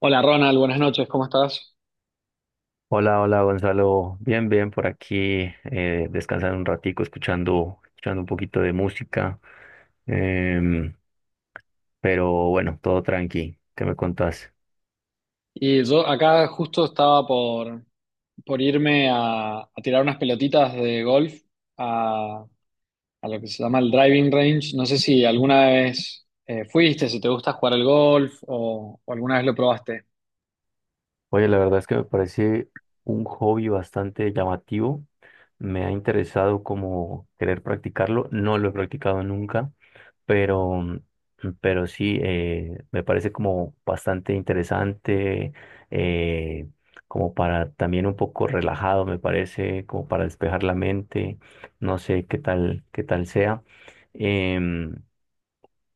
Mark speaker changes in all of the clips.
Speaker 1: Hola Ronald, buenas noches, ¿cómo estás?
Speaker 2: Hola, hola Gonzalo, bien, bien por aquí, descansando un ratico, escuchando un poquito de música, em, pero bueno, todo tranqui, ¿qué me contás?
Speaker 1: Y yo acá justo estaba por irme a tirar unas pelotitas de golf a, a lo que se llama el driving range. No sé si alguna vez fuiste, si te gusta jugar al golf o alguna vez lo probaste.
Speaker 2: Oye, la verdad es que me parece un hobby bastante llamativo. Me ha interesado como querer practicarlo. No lo he practicado nunca, pero, pero sí, me parece como bastante interesante, eh, como para también un poco relajado, me parece, como para despejar la mente. No sé qué tal sea. Em,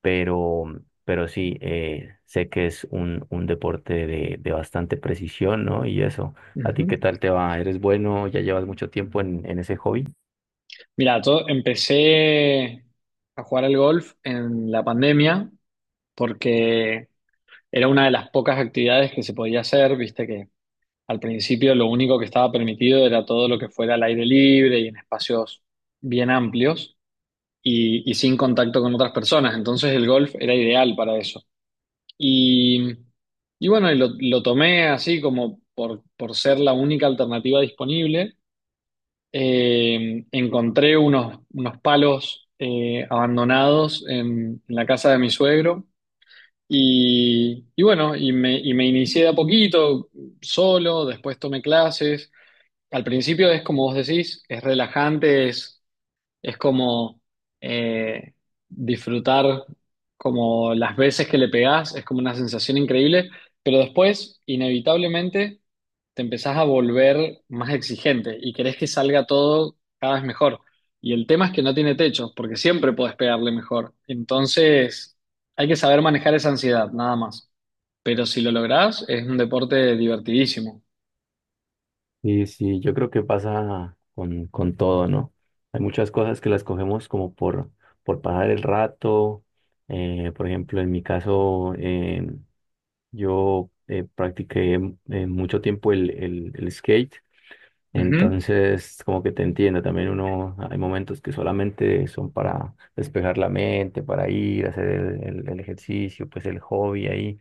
Speaker 2: pero, pero sí, sé que es un deporte de bastante precisión, ¿no? Y eso, ¿a ti
Speaker 1: Ujú.
Speaker 2: qué tal te va? ¿Eres bueno? ¿Ya llevas mucho tiempo en ese hobby?
Speaker 1: Mira, yo empecé a jugar al golf en la pandemia porque era una de las pocas actividades que se podía hacer, viste que al principio lo único que estaba permitido era todo lo que fuera al aire libre y en espacios bien amplios y sin contacto con otras personas. Entonces el golf era ideal para eso. Y, y bueno, y lo tomé así como por ser la única alternativa disponible. Encontré unos palos abandonados en la casa de mi suegro. Y bueno, y me inicié de a poquito, solo, después tomé clases. Al principio es como vos decís, es relajante, es como eh, disfrutar, como las veces que le pegás, es como una sensación increíble, pero después inevitablemente te empezás a volver más exigente y querés que salga todo cada vez mejor. Y el tema es que no tiene techo, porque siempre podés pegarle mejor. Entonces hay que saber manejar esa ansiedad, nada más. Pero si lo lográs, es un deporte divertidísimo.
Speaker 2: Sí, sí, yo creo que pasa con todo, ¿no? Hay muchas cosas que las cogemos como por pasar el rato. Eh, por ejemplo, en mi caso, yo practiqué mucho tiempo el skate.
Speaker 1: Ujú.
Speaker 2: Entonces, como que te entiendo, también uno, hay momentos que solamente son para despejar la mente, para ir, hacer el ejercicio, pues el hobby ahí,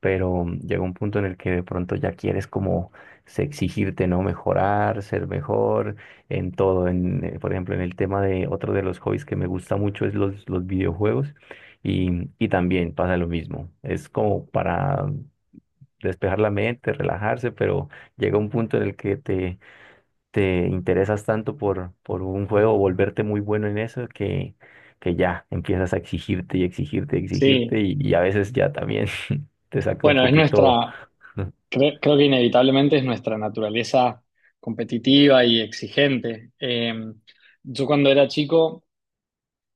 Speaker 2: pero llega un punto en el que de pronto ya quieres como exigirte, ¿no? Mejorar, ser mejor en todo, en, por ejemplo, en el tema de otro de los hobbies que me gusta mucho es los videojuegos y, y también pasa lo mismo, es como para despejar la mente, relajarse, pero llega un punto en el que te interesas tanto por un juego, volverte muy bueno en eso, que ya empiezas a exigirte y exigirte y
Speaker 1: Sí.
Speaker 2: exigirte y a veces ya también te saca un
Speaker 1: Bueno,
Speaker 2: poquito.
Speaker 1: creo que inevitablemente es nuestra naturaleza competitiva y exigente. Yo cuando era chico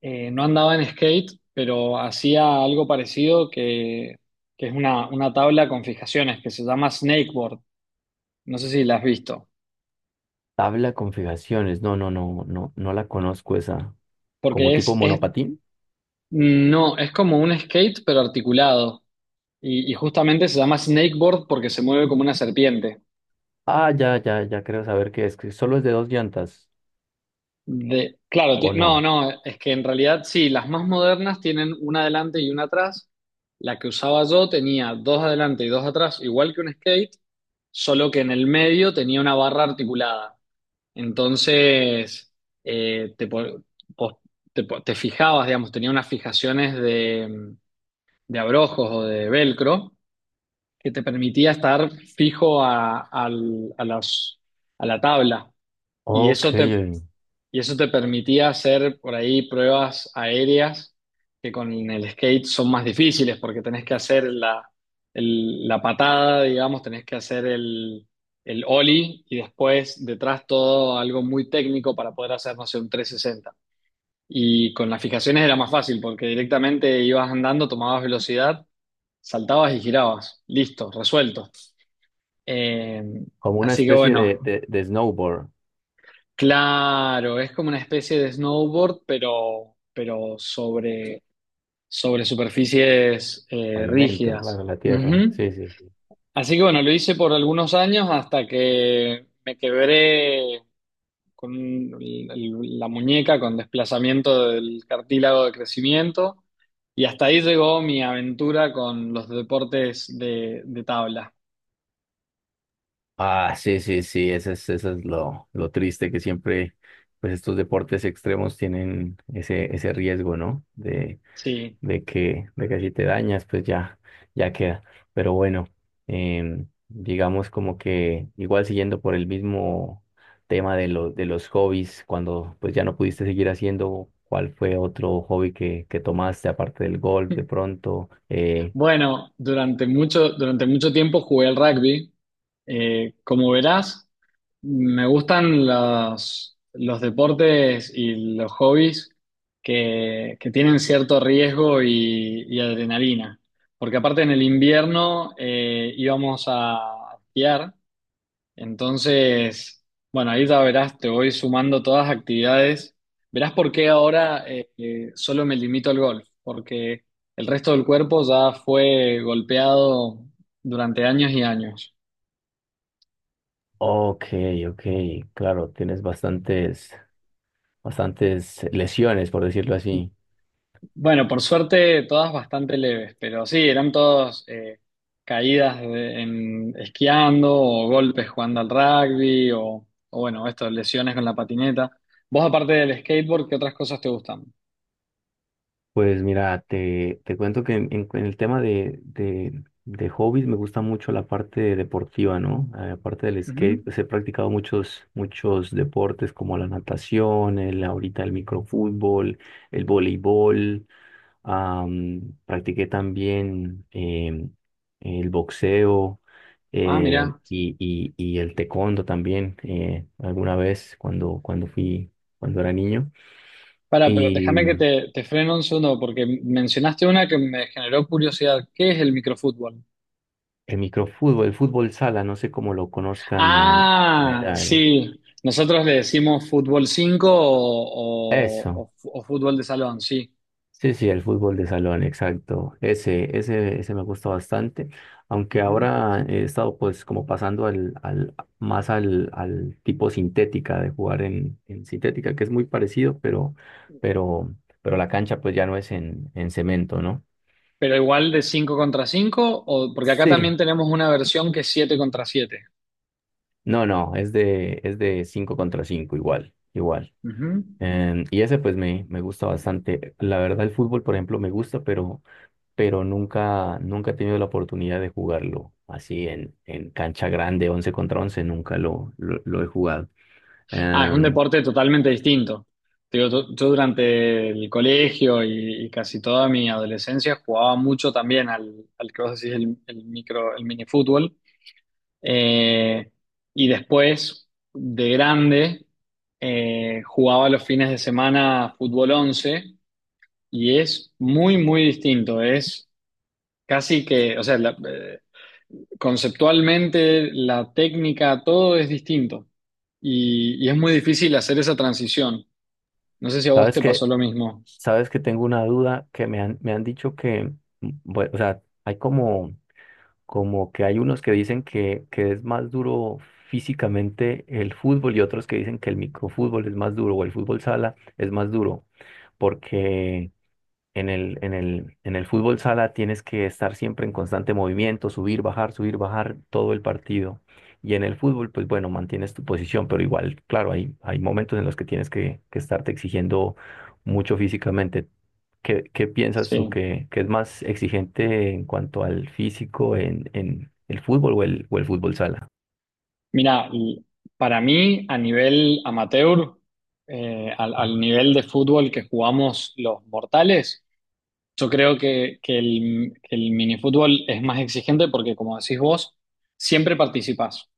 Speaker 1: no andaba en skate, pero hacía algo parecido, que es una tabla con fijaciones que se llama snakeboard. No sé si la has visto,
Speaker 2: Tabla de configuraciones, no, no, no, no, no la conozco esa. ¿Como
Speaker 1: porque
Speaker 2: tipo monopatín?
Speaker 1: no, es como un skate pero articulado, y justamente se llama snakeboard porque se mueve como una serpiente.
Speaker 2: Ah, ya, ya, ya creo saber qué es, que solo es de dos llantas,
Speaker 1: Claro,
Speaker 2: ¿o
Speaker 1: no,
Speaker 2: no?
Speaker 1: no, es que en realidad sí, las más modernas tienen una adelante y una atrás. La que usaba yo tenía dos adelante y dos atrás, igual que un skate, solo que en el medio tenía una barra articulada. Entonces, te, po- po- po- te fijabas, digamos, tenía unas fijaciones de abrojos o de velcro que te permitía estar fijo a, al- a las- a la tabla. Y
Speaker 2: Ok,
Speaker 1: eso te, y eso te permitía hacer por ahí pruebas aéreas que con el skate son más difíciles porque tenés que hacer la patada, digamos, tenés que hacer el ollie y después detrás todo algo muy técnico para poder hacer, no sé, un 360. Y con las fijaciones era más fácil porque directamente ibas andando, tomabas velocidad, saltabas y girabas. Listo, resuelto. Eh,
Speaker 2: como una
Speaker 1: Así que
Speaker 2: especie
Speaker 1: bueno.
Speaker 2: de snowboard,
Speaker 1: Claro, es como una especie de snowboard, pero, pero sobre superficies
Speaker 2: pavimento
Speaker 1: rígidas.
Speaker 2: para la tierra,
Speaker 1: Ujú.
Speaker 2: sí, sí, sí.
Speaker 1: Así que bueno, lo hice por algunos años hasta que me quebré con un- el- la muñeca con desplazamiento del cartílago de crecimiento, y hasta ahí llegó mi aventura con los deportes de tabla.
Speaker 2: Ah, sí, sí, sí, ese es lo triste que siempre, pues estos deportes extremos tienen ese, ese riesgo, ¿no?
Speaker 1: Sí.
Speaker 2: De que si te dañas, pues ya, ya queda. Pero bueno, digamos como que igual siguiendo por el mismo tema de lo, de los hobbies, cuando pues ya no pudiste seguir haciendo, ¿cuál fue otro hobby que tomaste aparte del golf de pronto?
Speaker 1: Bueno, durante mucho tiempo jugué al rugby. Como verás, me gustan los deportes y los hobbies que tienen cierto riesgo y adrenalina. Porque aparte en el invierno íbamos a esquiar. Entonces, bueno, ahí ya verás, te voy sumando todas las actividades. Verás por qué ahora solo me limito al golf, porque el resto del cuerpo ya fue golpeado durante años y años.
Speaker 2: Ok, ok, claro, tienes bastantes. Bastantes lesiones, por decirlo así.
Speaker 1: Bueno, por suerte todas bastante leves, pero sí, eran todas caídas en, esquiando, o golpes jugando al rugby o bueno, esto, lesiones con la patineta. Vos aparte del skateboard, ¿qué otras cosas te gustan?
Speaker 2: Pues mira, te cuento que en el tema de hobbies me gusta mucho la parte deportiva, ¿no? Aparte del
Speaker 1: Ujú.
Speaker 2: skate, pues he practicado muchos, muchos deportes como la natación, el, ahorita el microfútbol, el voleibol. Practiqué también el boxeo,
Speaker 1: Ah, mirá.
Speaker 2: y el taekwondo también, alguna vez cuando fui, cuando era niño.
Speaker 1: Pero
Speaker 2: Y
Speaker 1: déjame que te freno un segundo porque mencionaste una que me generó curiosidad. ¿Qué es el microfútbol?
Speaker 2: el microfútbol, el fútbol sala, no sé cómo lo conozcan en
Speaker 1: Ah,
Speaker 2: general.
Speaker 1: sí. Nosotros le decimos fútbol 5
Speaker 2: Eso.
Speaker 1: o fútbol de salón, sí.
Speaker 2: Sí, sí, el fútbol de salón, exacto. Ese me gusta bastante. Aunque
Speaker 1: Ujú.
Speaker 2: ahora he estado pues como pasando más al tipo sintética de jugar en sintética, que es muy parecido, pero, pero la cancha pues ya no es en cemento, ¿no?
Speaker 1: Pero igual de 5 contra 5 porque acá también
Speaker 2: Sí.
Speaker 1: tenemos una versión que es 7 contra 7.
Speaker 2: No, no, es de 5 contra cinco, igual, igual. Em, y ese pues me gusta bastante. La verdad el fútbol, por ejemplo, me gusta, pero nunca, nunca he tenido la oportunidad de jugarlo así en cancha grande, 11 contra 11 nunca lo he jugado.
Speaker 1: Ah, es un
Speaker 2: Em,
Speaker 1: deporte totalmente distinto. Te digo, yo durante el colegio y casi toda mi adolescencia jugaba mucho también al que vos decís el micro, el mini fútbol. Eh, y después, de grande, jugaba los fines de semana fútbol 11, y es muy, muy distinto. Es casi que, o sea, conceptualmente la técnica, todo es distinto. y y es muy difícil hacer esa transición. No sé si a vos
Speaker 2: ¿sabes
Speaker 1: te pasó
Speaker 2: que
Speaker 1: lo mismo.
Speaker 2: ¿Sabes que tengo una duda que me han dicho que, bueno, o sea, como que hay unos que dicen que es más duro físicamente el fútbol y otros que dicen que el microfútbol es más duro o el fútbol sala es más duro, porque en en el fútbol sala tienes que estar siempre en constante movimiento, subir, bajar todo el partido. Y en el fútbol, pues bueno, mantienes tu posición, pero igual, claro, hay momentos en los que tienes que estarte exigiendo mucho físicamente. ¿Qué, qué piensas tú
Speaker 1: Sí.
Speaker 2: que es más exigente en cuanto al físico en el fútbol o o el fútbol sala?
Speaker 1: Mira, para mí, a nivel amateur, al nivel de fútbol que jugamos los mortales, yo creo que, que el minifútbol es más exigente porque, como decís vos, siempre participás.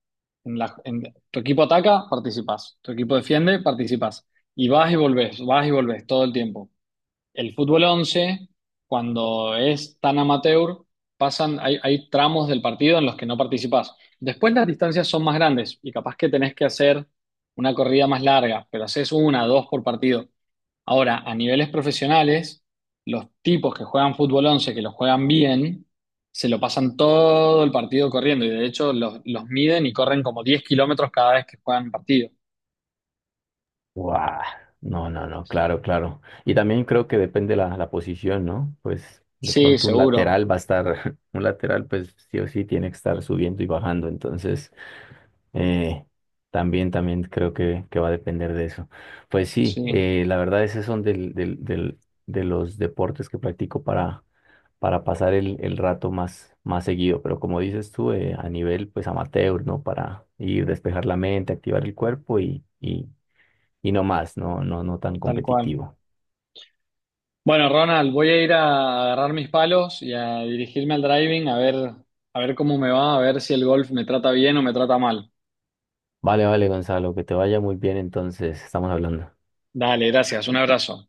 Speaker 1: En la- en- Tu equipo ataca, participás. Tu equipo defiende, participás. Y vas y volvés todo el tiempo. El fútbol 11, cuando es tan amateur, hay tramos del partido en los que no participás. Después las distancias son más grandes y capaz que tenés que hacer una corrida más larga, pero haces una, dos por partido. Ahora, a niveles profesionales, los tipos que juegan fútbol 11 que lo juegan bien, se lo pasan todo el partido corriendo, y de hecho los miden y corren como 10 kilómetros cada vez que juegan partido.
Speaker 2: Guau, no, no, no, claro, claro. Y también creo que depende la, la posición, ¿no? Pues de
Speaker 1: Sí,
Speaker 2: pronto un
Speaker 1: seguro,
Speaker 2: lateral va a estar, un lateral pues sí o sí tiene que estar subiendo y bajando, entonces eh, también, también creo que va a depender de eso. Pues sí,
Speaker 1: sí,
Speaker 2: la verdad esos son de los deportes que practico para pasar el rato más, más seguido, pero como dices tú, a nivel pues amateur, ¿no? Para ir despejar la mente, activar el cuerpo y no más, no, no, no tan
Speaker 1: tal cual.
Speaker 2: competitivo.
Speaker 1: Bueno, Ronald, voy a ir a agarrar mis palos y a dirigirme al driving a ver cómo me va, a ver si el golf me trata bien o me trata mal.
Speaker 2: Vale, vale, Gonzalo, que te vaya muy bien entonces, estamos hablando.
Speaker 1: Dale, gracias, un abrazo.